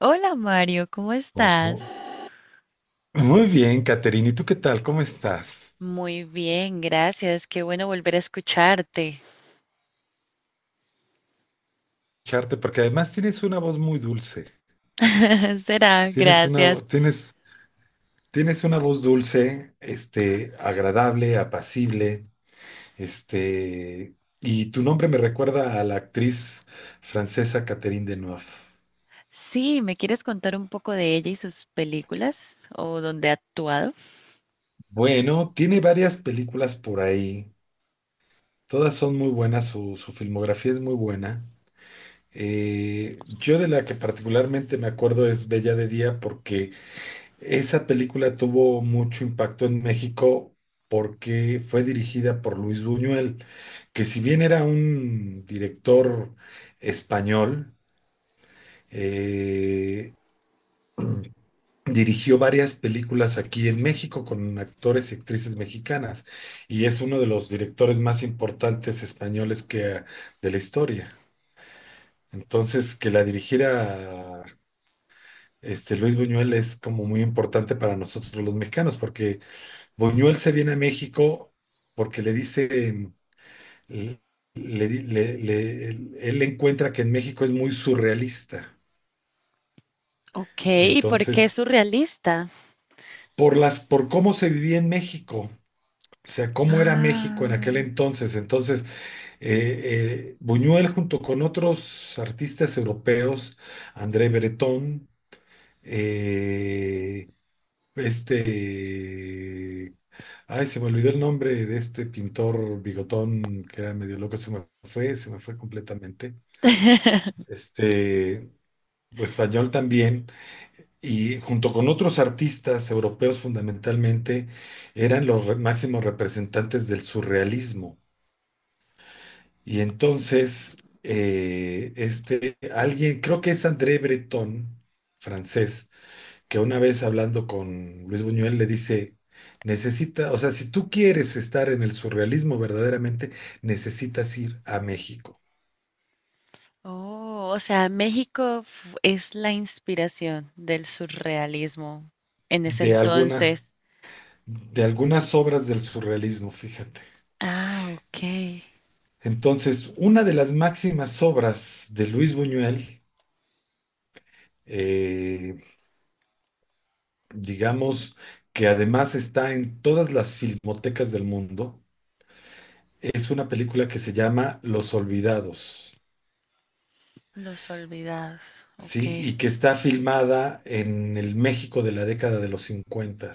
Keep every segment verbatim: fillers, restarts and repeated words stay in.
Hola Mario, ¿cómo estás? Ojo. Muy bien, Caterina. ¿Y tú qué tal? ¿Cómo estás? Muy bien, gracias. Qué bueno volver a escucharte. Charte, porque además tienes una voz muy dulce. Será, Tienes una, gracias. vo- tienes, tienes una voz dulce, este, agradable, apacible, este, y tu nombre me recuerda a la actriz francesa Catherine Deneuve. Sí, ¿me quieres contar un poco de ella y sus películas o dónde ha actuado? Bueno, tiene varias películas por ahí. Todas son muy buenas, su, su filmografía es muy buena. Eh, yo de la que particularmente me acuerdo es Bella de Día, porque esa película tuvo mucho impacto en México porque fue dirigida por Luis Buñuel, que si bien era un director español, eh, dirigió varias películas aquí en México con actores y actrices mexicanas, y es uno de los directores más importantes españoles que de la historia. Entonces, que la dirigiera este Luis Buñuel es como muy importante para nosotros los mexicanos, porque Buñuel se viene a México porque le dicen, le- le- le- le- él encuentra que en México es muy surrealista. Ok, Y ¿y por qué es entonces, surrealista? por las, por cómo se vivía en México, o sea, cómo era México en aquel Ah. entonces. Entonces, eh, eh, Buñuel junto con otros artistas europeos, André Breton, eh, este ay, se me olvidó el nombre de este pintor bigotón que era medio loco, se me fue, se me fue completamente. Este, Español también, y junto con otros artistas europeos fundamentalmente, eran los re- máximos representantes del surrealismo. Y entonces, eh, este, alguien, creo que es André Breton, francés, que una vez hablando con Luis Buñuel le dice, necesita, o sea, si tú quieres estar en el surrealismo verdaderamente, necesitas ir a México. Oh, o sea, México f- es la inspiración del surrealismo en ese De alguna, entonces. de algunas obras del surrealismo, fíjate. Ah, ok. Entonces, una de las máximas obras de Luis Buñuel, eh, digamos, que además está en todas las filmotecas del mundo, es una película que se llama Los Olvidados. Los olvidados, Sí, ok. y que está filmada en el México de la década de los cincuenta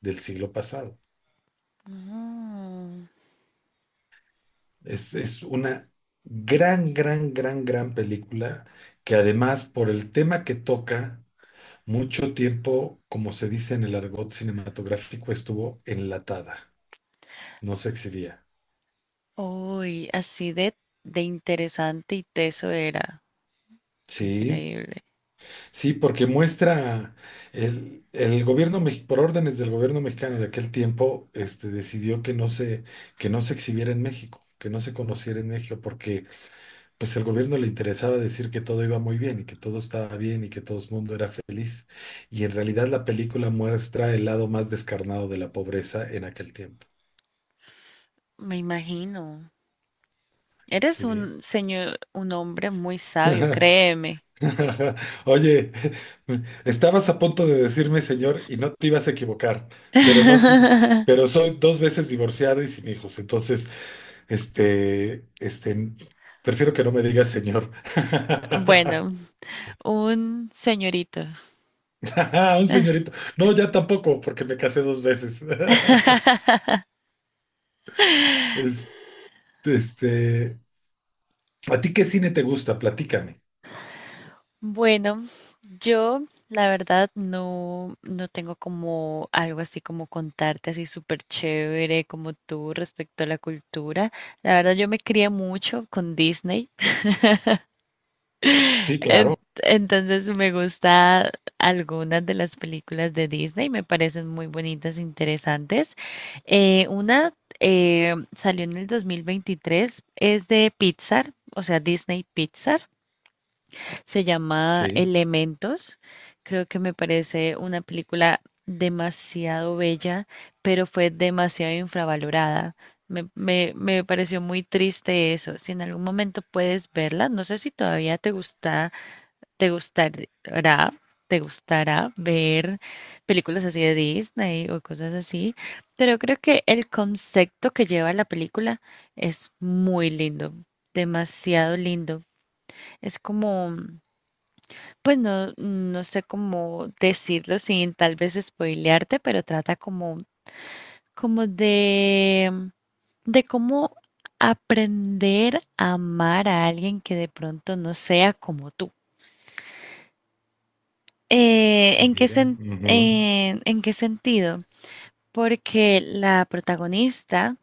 del siglo pasado. Mm. Es, es una gran, gran, gran, gran película que además, por el tema que toca, mucho tiempo, como se dice en el argot cinematográfico, estuvo enlatada, no se exhibía. Uy, así de, de interesante y teso era. Sí, Increíble. sí, porque muestra el, el gobierno, mex- por órdenes del gobierno mexicano de aquel tiempo, este, decidió que no se, que no se exhibiera en México, que no se conociera en México, porque pues el gobierno le interesaba decir que todo iba muy bien y que todo estaba bien y que todo el mundo era feliz. Y en realidad la película muestra el lado más descarnado de la pobreza en aquel tiempo. Me imagino. Eres Sí. un señor, un hombre muy sabio, créeme. Oye, estabas a punto de decirme señor y no te ibas a equivocar, pero no sin- pero soy dos veces divorciado y sin hijos, entonces, este, este, prefiero que no me digas señor. Bueno, un señorito. Un señorito. No, ya tampoco, porque me casé dos veces. Es- Este, ¿A ti qué cine te gusta? Platícame. Bueno, yo la verdad no, no tengo como algo así como contarte así súper chévere como tú respecto a la cultura. La verdad yo me crié mucho con Disney. Sí, En- claro. Entonces me gusta algunas de las películas de Disney, me parecen muy bonitas, interesantes. Eh, una eh, salió en el dos mil veintitrés, es de Pixar, o sea, Disney Pixar, se llama Sí, Elementos. Creo que me parece una película demasiado bella, pero fue demasiado infravalorada. Me, me, me pareció muy triste eso. Si en algún momento puedes verla, no sé si todavía te gusta. ¿Te gustará, te gustará ver películas así de Disney o cosas así? Pero creo que el concepto que lleva la película es muy lindo, demasiado lindo. Es como, pues no, no sé cómo decirlo sin tal vez spoilearte, pero trata como, como de, de cómo aprender a amar a alguien que de pronto no sea como tú. Eh, ¿en qué mira. sen- Ujú. en- en qué sentido? Porque la protagonista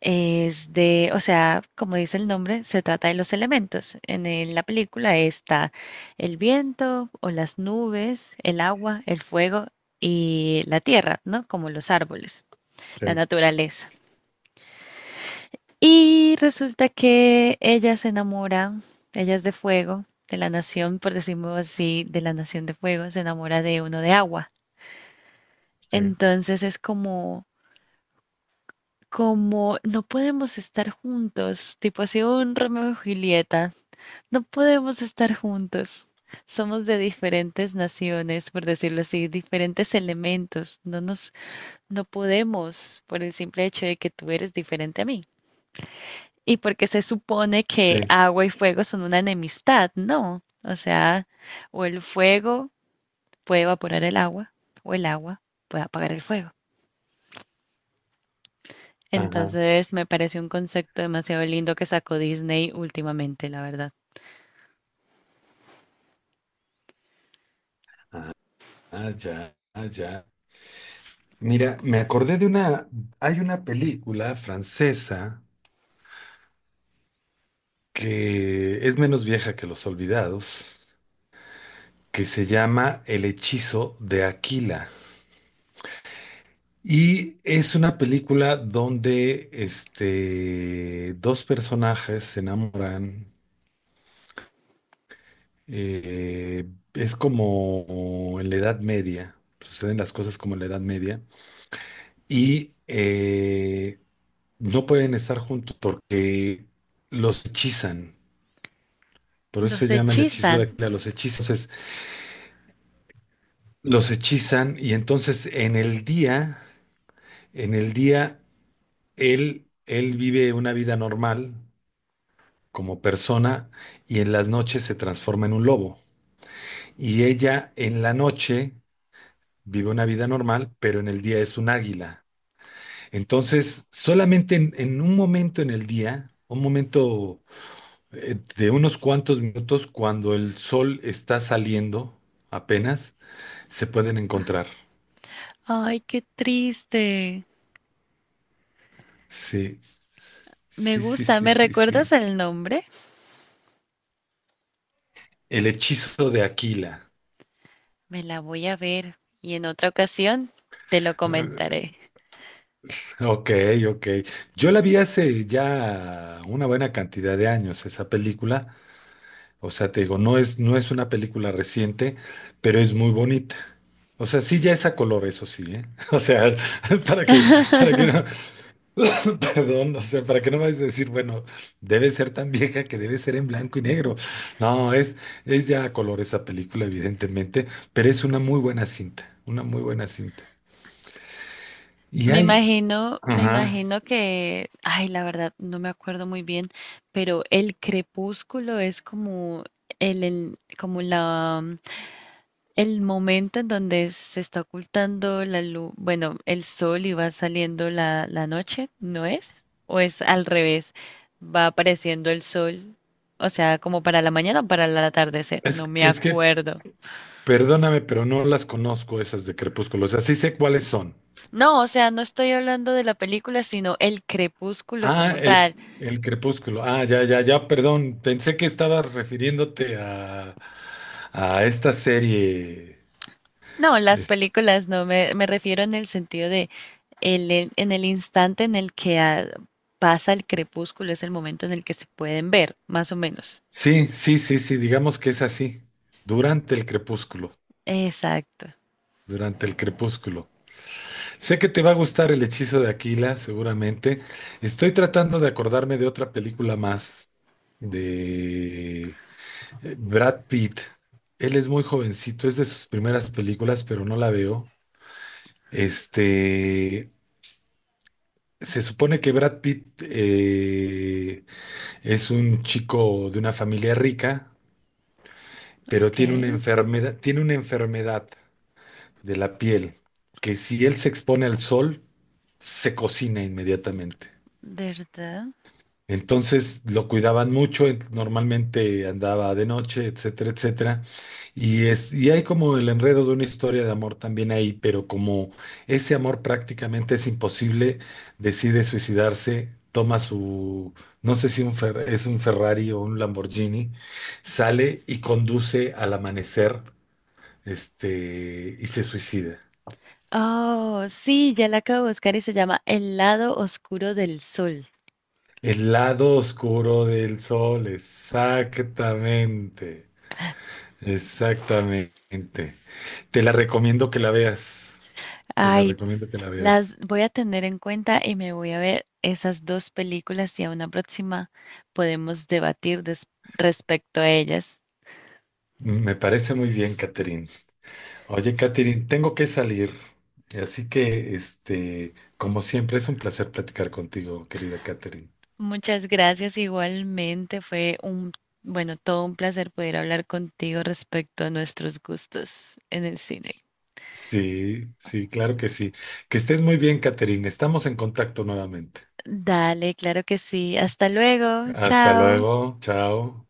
es de, o sea, como dice el nombre, se trata de los elementos. En, el- la película está el viento o las nubes, el agua, el fuego y la tierra, ¿no? Como los árboles, la Sí, naturaleza. Y resulta que ella se enamora, ella es de fuego, de la nación, por decirlo así, de la nación de fuego, se enamora de uno de agua. sí, Entonces es como, como no podemos estar juntos, tipo así un Romeo y Julieta, no podemos estar juntos. Somos de diferentes naciones, por decirlo así, diferentes elementos. No nos, no podemos por el simple hecho de que tú eres diferente a mí. Y porque se supone que sí. agua y fuego son una enemistad, no. O sea, o el fuego puede evaporar el agua, o el agua puede apagar el fuego. Ajá. Entonces, me parece un concepto demasiado lindo que sacó Disney últimamente, la verdad. Ah, ya, ah, ya. Mira, me acordé de una, hay una película francesa que es menos vieja que Los Olvidados, que se llama El hechizo de Aquila. Y es una película donde este, dos personajes se enamoran. eh, es como en la Edad Media, suceden las cosas como en la Edad Media. Y eh, no pueden estar juntos porque los hechizan. Por eso se Los llama El hechizo de hechizan. Aquila, los hechizan. Entonces, los hechizan y entonces en el día, en el día, él, él vive una vida normal como persona, y en las noches se transforma en un lobo. Y ella en la noche vive una vida normal, pero en el día es un águila. Entonces, solamente en, en un momento en el día, un momento eh, de unos cuantos minutos cuando el sol está saliendo apenas, se pueden encontrar. Ay, qué triste. Sí, Me sí, sí, gusta, sí, ¿me sí, sí. recuerdas el nombre? El hechizo de Aquila. Me la voy a ver y en otra ocasión te lo Ah, comentaré. ok, ok. Yo la vi hace ya una buena cantidad de años esa película. O sea, te digo, no es, no es una película reciente, pero es muy bonita. O sea, sí ya es a color, eso sí, ¿eh? O sea, para que, para que no. Perdón, o sea, ¿para qué no me vas a decir, bueno, debe ser tan vieja que debe ser en blanco y negro? No, es, es ya a color esa película, evidentemente, pero es una muy buena cinta, una muy buena cinta. Y Me hay, imagino, me ajá, imagino que, ay, la verdad, no me acuerdo muy bien, pero el crepúsculo es como el, el- como la, el momento en donde se está ocultando la luz, bueno, el sol y va saliendo la, la noche, ¿no es? ¿O es al revés? Va apareciendo el sol, o sea, como para la mañana o para el atardecer, es, no me que- es que, acuerdo. perdóname, pero no las conozco esas de Crepúsculo, o sea, sí sé cuáles son. No, o sea, no estoy hablando de la película, sino el crepúsculo Ah, como tal. el, el Crepúsculo, ah, ya, ya, ya, perdón, pensé que estabas refiriéndote a, a, esta serie. No, las películas no, me, me refiero en el sentido de el, el- en el instante en el que ah, pasa el crepúsculo, es el momento en el que se pueden ver, más o menos. Sí, sí, sí, sí, digamos que es así, durante el crepúsculo, Exacto. durante el crepúsculo. Sé que te va a gustar El hechizo de Aquila, seguramente. Estoy tratando de acordarme de otra película más de eh, Brad Pitt. Él es muy jovencito, es de sus primeras películas, pero no la veo. Este, Se supone que Brad Pitt eh, es un chico de una familia rica, pero Ok, tiene una enfermedad, tiene una enfermedad de la piel, que si él se expone al sol, se cocina inmediatamente. ¿verdad? Entonces lo cuidaban mucho, en- normalmente andaba de noche, etcétera, etcétera. Y, es, y hay como el enredo de una historia de amor también ahí, pero como ese amor prácticamente es imposible, decide suicidarse, toma su, no sé si un Fer- es un Ferrari o un Lamborghini, sale y conduce al amanecer, este, y se suicida. Oh, sí, ya la acabo de buscar y se llama El lado oscuro del sol. El lado oscuro del sol, exactamente, exactamente. Te la recomiendo que la veas, te la Ay, recomiendo que la las veas. voy a tener en cuenta y me voy a ver esas dos películas y a una próxima podemos debatir des- respecto a ellas. Me parece muy bien, Catherine. Oye, Catherine, tengo que salir, así que, este, como siempre, es un placer platicar contigo, querida Catherine. Muchas gracias igualmente, fue un, bueno, todo un placer poder hablar contigo respecto a nuestros gustos en el cine. Sí, sí, claro que sí. Que estés muy bien, Catherine. Estamos en contacto nuevamente. Dale, claro que sí. Hasta luego, Hasta chao. luego, chao.